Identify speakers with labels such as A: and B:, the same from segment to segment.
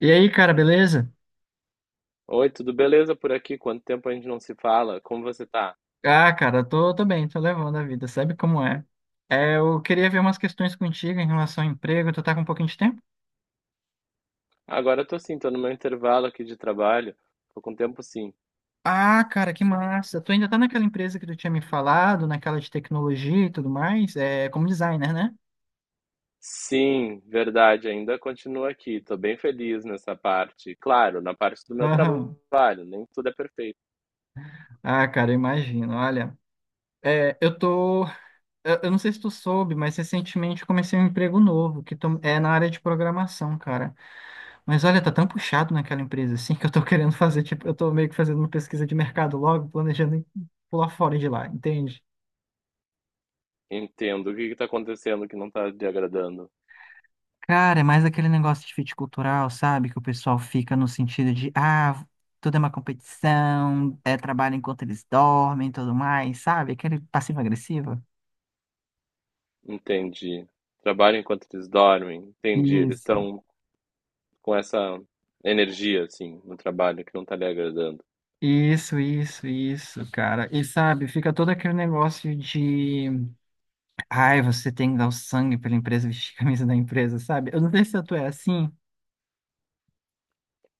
A: E aí, cara, beleza?
B: Oi, tudo beleza por aqui? Quanto tempo a gente não se fala? Como você tá?
A: Ah, cara, tô bem, tô levando a vida, sabe como é? É, eu queria ver umas questões contigo em relação ao emprego, tu tá com um pouquinho de tempo?
B: Agora eu tô sim, tô no meu intervalo aqui de trabalho. Tô com tempo sim.
A: Ah, cara, que massa! Tu ainda tá naquela empresa que tu tinha me falado, naquela de tecnologia e tudo mais, é, como designer, né?
B: Sim, verdade, ainda continuo aqui. Tô bem feliz nessa parte. Claro, na parte do meu
A: Aham.
B: trabalho, nem tudo é perfeito.
A: Ah, cara, eu imagino, olha. É, eu tô. Eu não sei se tu soube, mas recentemente eu comecei um emprego novo, que é na área de programação, cara. Mas olha, tá tão puxado naquela empresa assim que eu tô querendo fazer, tipo, eu tô meio que fazendo uma pesquisa de mercado logo, planejando em pular fora de lá, entende?
B: Entendo. O que que tá acontecendo que não tá te agradando?
A: Cara, é mais aquele negócio de fit cultural, sabe? Que o pessoal fica no sentido de, ah, tudo é uma competição, é trabalho enquanto eles dormem e tudo mais, sabe? Aquele passivo-agressivo.
B: Entendi. Trabalho enquanto eles dormem. Entendi. Eles
A: Isso,
B: estão com essa energia, assim, no trabalho que não tá lhe agradando.
A: isso, cara. E sabe, fica todo aquele negócio de, ai, você tem que dar o sangue pela empresa, vestir a camisa da empresa, sabe? Eu não sei se tu é assim.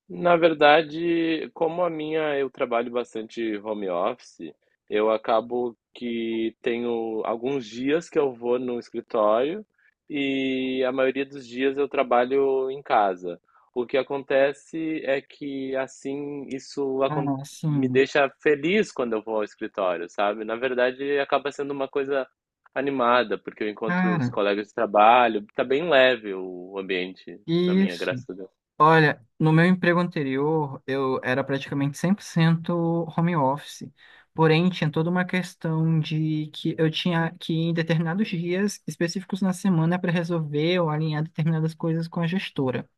B: Na verdade, como a minha eu trabalho bastante home office, eu acabo que tenho alguns dias que eu vou no escritório e a maioria dos dias eu trabalho em casa. O que acontece é que assim
A: Ah,
B: me
A: sim.
B: deixa feliz quando eu vou ao escritório, sabe? Na verdade, acaba sendo uma coisa animada, porque eu encontro os
A: Cara,
B: colegas de trabalho, tá bem leve o ambiente da minha,
A: isso.
B: graça.
A: Olha, no meu emprego anterior, eu era praticamente 100% home office. Porém, tinha toda uma questão de que eu tinha que ir em determinados dias específicos na semana para resolver ou alinhar determinadas coisas com a gestora.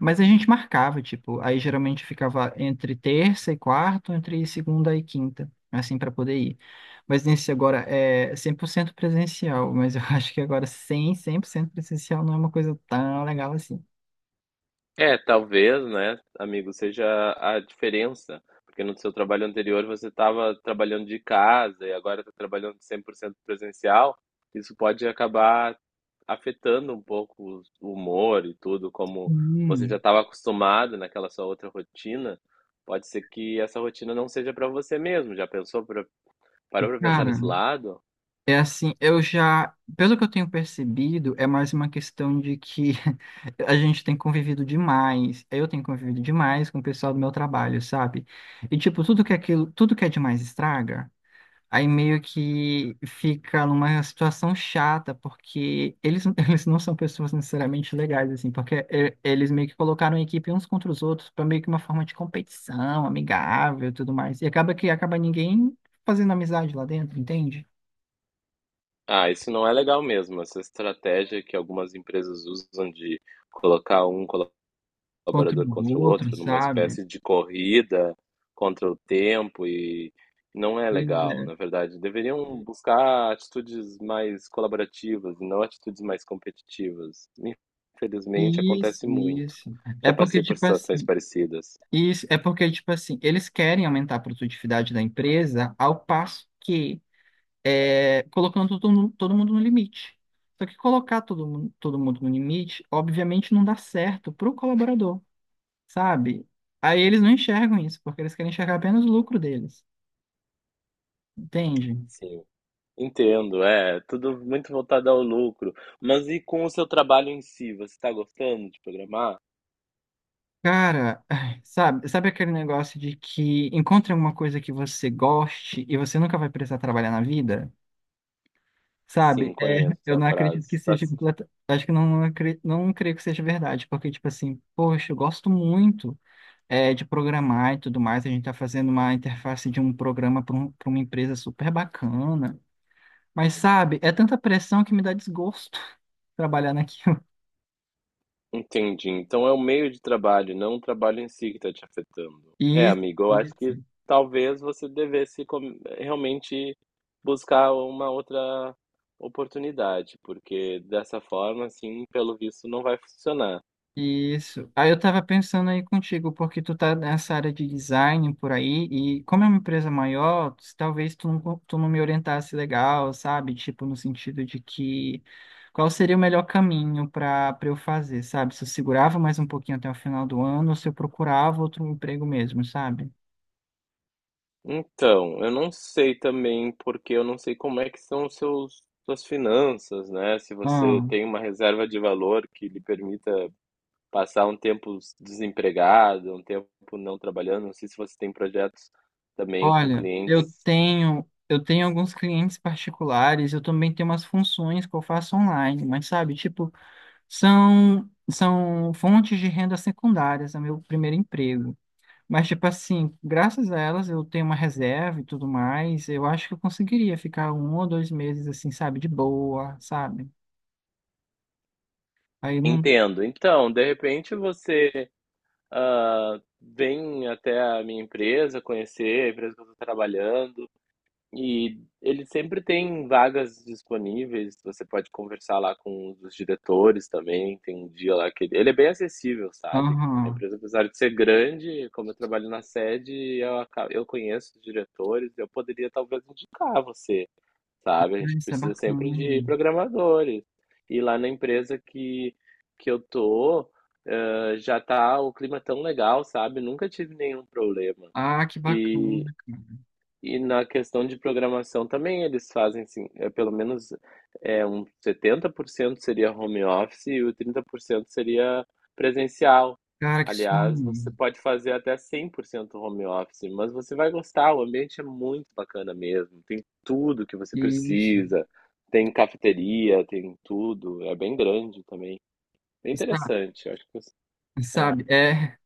A: Mas a gente marcava, tipo, aí geralmente ficava entre terça e quarta, entre segunda e quinta, assim, para poder ir. Mas nesse agora é 100% presencial, mas eu acho que agora 100% presencial não é uma coisa tão legal assim.
B: É, talvez, né, amigo, seja a diferença, porque no seu trabalho anterior você estava trabalhando de casa e agora está trabalhando 100% presencial. Isso pode acabar afetando um pouco o humor e tudo, como você já
A: Hum,
B: estava acostumado naquela sua outra rotina. Pode ser que essa rotina não seja para você mesmo. Parou para pensar
A: cara,
B: nesse lado?
A: é assim, eu já, pelo que eu tenho percebido, é mais uma questão de que a gente tem convivido demais, eu tenho convivido demais com o pessoal do meu trabalho, sabe? E tipo, tudo que é aquilo, tudo que é demais estraga. Aí meio que fica numa situação chata, porque eles, eles não são pessoas necessariamente legais, assim, porque eles meio que colocaram a equipe uns contra os outros para meio que uma forma de competição, amigável e tudo mais. E acaba que acaba ninguém fazendo amizade lá dentro, entende?
B: Ah, isso não é legal mesmo. Essa estratégia que algumas empresas usam de colocar um
A: Contra
B: colaborador contra
A: o
B: o
A: outro,
B: outro, numa
A: sabe?
B: espécie de corrida contra o tempo e não é
A: Pois
B: legal,
A: é.
B: na verdade. Deveriam buscar atitudes mais colaborativas e não atitudes mais competitivas. Infelizmente
A: Isso,
B: acontece muito.
A: isso. É
B: Já
A: porque,
B: passei por
A: tipo
B: situações
A: assim,
B: parecidas.
A: isso, é porque, tipo assim, eles querem aumentar a produtividade da empresa ao passo que é, colocando todo mundo no limite. Só que colocar todo mundo no limite, obviamente, não dá certo para o colaborador, sabe? Aí eles não enxergam isso, porque eles querem enxergar apenas o lucro deles, entende?
B: Sim. Entendo, é tudo muito voltado ao lucro. Mas e com o seu trabalho em si, você está gostando de programar?
A: Cara, ai, sabe, sabe aquele negócio de que encontre alguma coisa que você goste e você nunca vai precisar trabalhar na vida? Sabe?
B: Sim,
A: É,
B: conheço
A: eu
B: essa
A: não acredito que
B: frase. Tá.
A: seja completa. Acho que não, não creio que seja verdade, porque, tipo assim, poxa, eu gosto muito, é, de programar e tudo mais. A gente está fazendo uma interface de um programa para para uma empresa super bacana. Mas, sabe, é tanta pressão que me dá desgosto trabalhar naquilo.
B: Entendi. Então é o meio de trabalho, não o trabalho em si que está te afetando. É,
A: E,
B: amigo, eu acho que talvez você realmente buscar uma outra oportunidade, porque dessa forma, assim, pelo visto, não vai funcionar.
A: isso. Aí eu tava pensando aí contigo, porque tu tá nessa área de design por aí, e como é uma empresa maior, talvez tu não, tu não me orientasse legal, sabe? Tipo, no sentido de que qual seria o melhor caminho para eu fazer, sabe? Se eu segurava mais um pouquinho até o final do ano, ou se eu procurava outro emprego mesmo, sabe?
B: Então, eu não sei também, porque eu não sei como é que são suas finanças, né? Se você
A: Ah,
B: tem uma reserva de valor que lhe permita passar um tempo desempregado, um tempo não trabalhando. Não sei se você tem projetos também com
A: olha, eu
B: clientes.
A: tenho eu tenho alguns clientes particulares, eu também tenho umas funções que eu faço online, mas sabe, tipo, são fontes de renda secundárias, é meu primeiro emprego. Mas, tipo assim, graças a elas eu tenho uma reserva e tudo mais, eu acho que eu conseguiria ficar um ou dois meses, assim, sabe, de boa, sabe? Aí não.
B: Entendo. Então, de repente você, ah, vem até a minha empresa conhecer a empresa que eu estou trabalhando. E ele sempre tem vagas disponíveis, você pode conversar lá com os diretores também, tem um dia lá que ele é bem acessível, sabe? A
A: Aham.
B: empresa, apesar de ser grande, como eu trabalho na sede, eu conheço os diretores, eu poderia talvez indicar você, sabe? A gente
A: Isso é
B: precisa sempre de
A: bacana.
B: programadores. E lá na empresa que eu tô, já tá o clima tão legal, sabe? Nunca tive nenhum problema.
A: Ah, que bacana, cara.
B: E na questão de programação também eles fazem assim, é pelo menos é 70% seria home office e o 30% seria presencial.
A: Cara, que
B: Aliás, você
A: sonho.
B: pode fazer até 100% home office, mas você vai gostar, o ambiente é muito bacana mesmo. Tem tudo que você
A: Isso.
B: precisa, tem cafeteria, tem tudo, é bem grande também. Bem
A: Sa-
B: interessante, acho que você... é.
A: Sabe, é.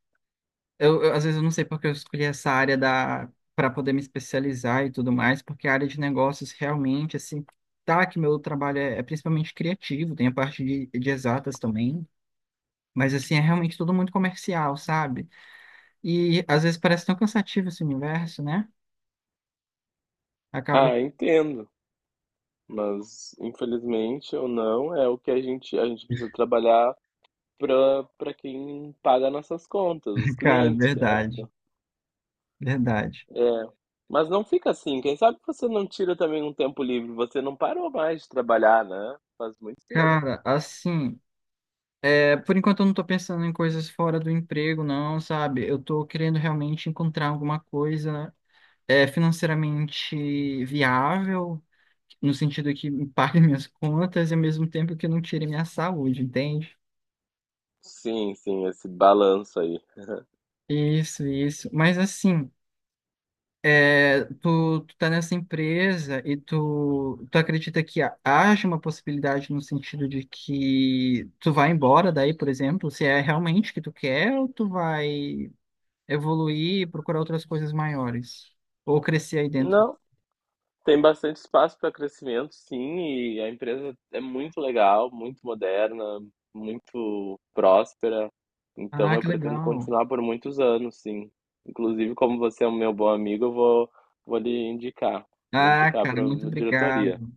A: Às vezes eu não sei porque eu escolhi essa área da para poder me especializar e tudo mais, porque a área de negócios realmente assim, tá que meu trabalho é, é principalmente criativo, tem a parte de exatas também, mas assim é realmente tudo muito comercial, sabe? E às vezes parece tão cansativo esse universo, né? Acaba, que...
B: Ah, entendo, mas infelizmente ou não, é o que a gente precisa trabalhar para quem paga nossas contas, os
A: cara,
B: clientes,
A: verdade,
B: certo?
A: verdade.
B: É. Mas não fica assim. Quem sabe você não tira também um tempo livre? Você não parou mais de trabalhar, né? Faz muito tempo.
A: Cara, assim, é, por enquanto eu não tô pensando em coisas fora do emprego, não, sabe? Eu tô querendo realmente encontrar alguma coisa é financeiramente viável, no sentido que me pague minhas contas e ao mesmo tempo que não tire minha saúde, entende?
B: Sim, sim, esse balanço aí.
A: Isso, isso. Mas assim, é, tu tá nessa empresa e tu acredita que haja uma possibilidade no sentido de que tu vai embora daí, por exemplo, se é realmente o que tu quer ou tu vai evoluir e procurar outras coisas maiores? Ou crescer aí dentro?
B: Não, tem bastante espaço para crescimento, sim, e a empresa é muito legal, muito moderna, muito próspera. Então
A: Ah,
B: eu
A: que
B: pretendo
A: legal.
B: continuar por muitos anos, sim. Inclusive, como você é um meu bom amigo, vou lhe indicar. Vou
A: Ah,
B: indicar
A: cara,
B: para
A: muito
B: a diretoria.
A: obrigado.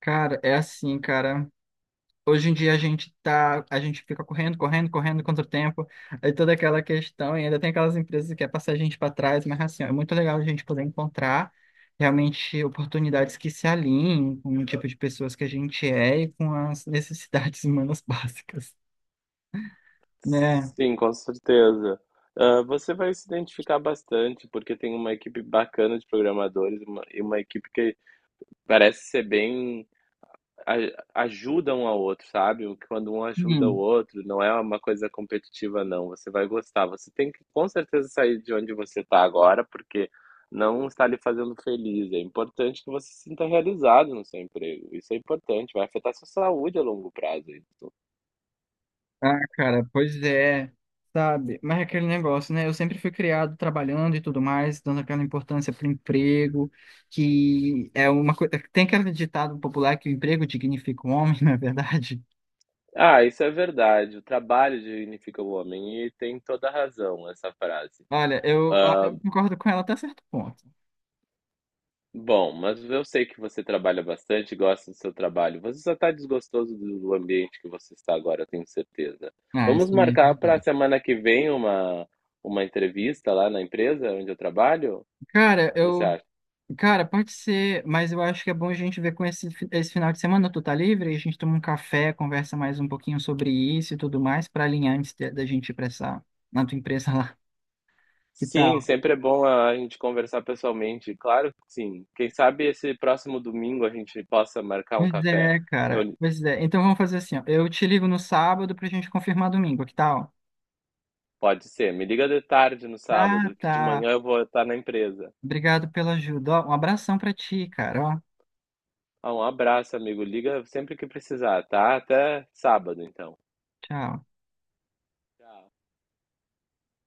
A: Cara, é assim, cara. Hoje em dia a gente fica correndo, correndo, correndo contra o tempo, aí toda aquela questão, e ainda tem aquelas empresas que quer passar a gente para trás, mas assim, ó, é muito legal a gente poder encontrar realmente oportunidades que se alinhem com o tipo de pessoas que a gente é e com as necessidades humanas básicas, né?
B: Sim, com certeza. Ah, você vai se identificar bastante, porque tem uma equipe bacana de e uma equipe que parece ser bem ajuda um ao outro, sabe? Quando um ajuda o
A: Hum.
B: outro, não é uma coisa competitiva, não. Você vai gostar. Você tem que com certeza sair de onde você está agora, porque não está lhe fazendo feliz. É importante que você se sinta realizado no seu emprego. Isso é importante, vai afetar sua saúde a longo prazo. Isso.
A: Ah, cara, pois é, sabe? Mas é aquele negócio, né? Eu sempre fui criado trabalhando e tudo mais, dando aquela importância para o emprego, que é uma coisa. Tem aquele ditado popular que o emprego dignifica o homem, não é verdade?
B: Ah, isso é verdade. O trabalho dignifica o homem e tem toda a razão essa frase.
A: Olha,
B: Ah,
A: eu concordo com ela até certo ponto.
B: bom, mas eu sei que você trabalha bastante, gosta do seu trabalho. Você só está desgostoso do ambiente que você está agora, eu tenho certeza.
A: Ah, isso
B: Vamos
A: também é
B: marcar para a
A: verdade.
B: semana que vem uma, uma entrevista lá na empresa onde eu trabalho? O
A: Cara,
B: que você
A: eu.
B: acha?
A: Cara, pode ser, mas eu acho que é bom a gente ver com esse final de semana. Tu tá livre? A gente toma um café, conversa mais um pouquinho sobre isso e tudo mais, para alinhar da gente ir pra essa, na tua empresa lá. Que
B: Sim,
A: tal?
B: sempre é bom a gente conversar pessoalmente. Claro que sim. Quem sabe esse próximo domingo a gente possa marcar um
A: Pois
B: café.
A: é, cara.
B: Eu,
A: Pois é. Então vamos fazer assim, ó. Eu te ligo no sábado pra gente confirmar domingo, que tal?
B: pode ser. Me liga de tarde no
A: Tá,
B: sábado, que de
A: tá.
B: manhã eu vou estar na empresa.
A: Obrigado pela ajuda. Ó, um abração pra ti, cara. Ó,
B: Ah, um abraço, amigo. Liga sempre que precisar, tá? Até sábado, então.
A: tchau.
B: Tchau.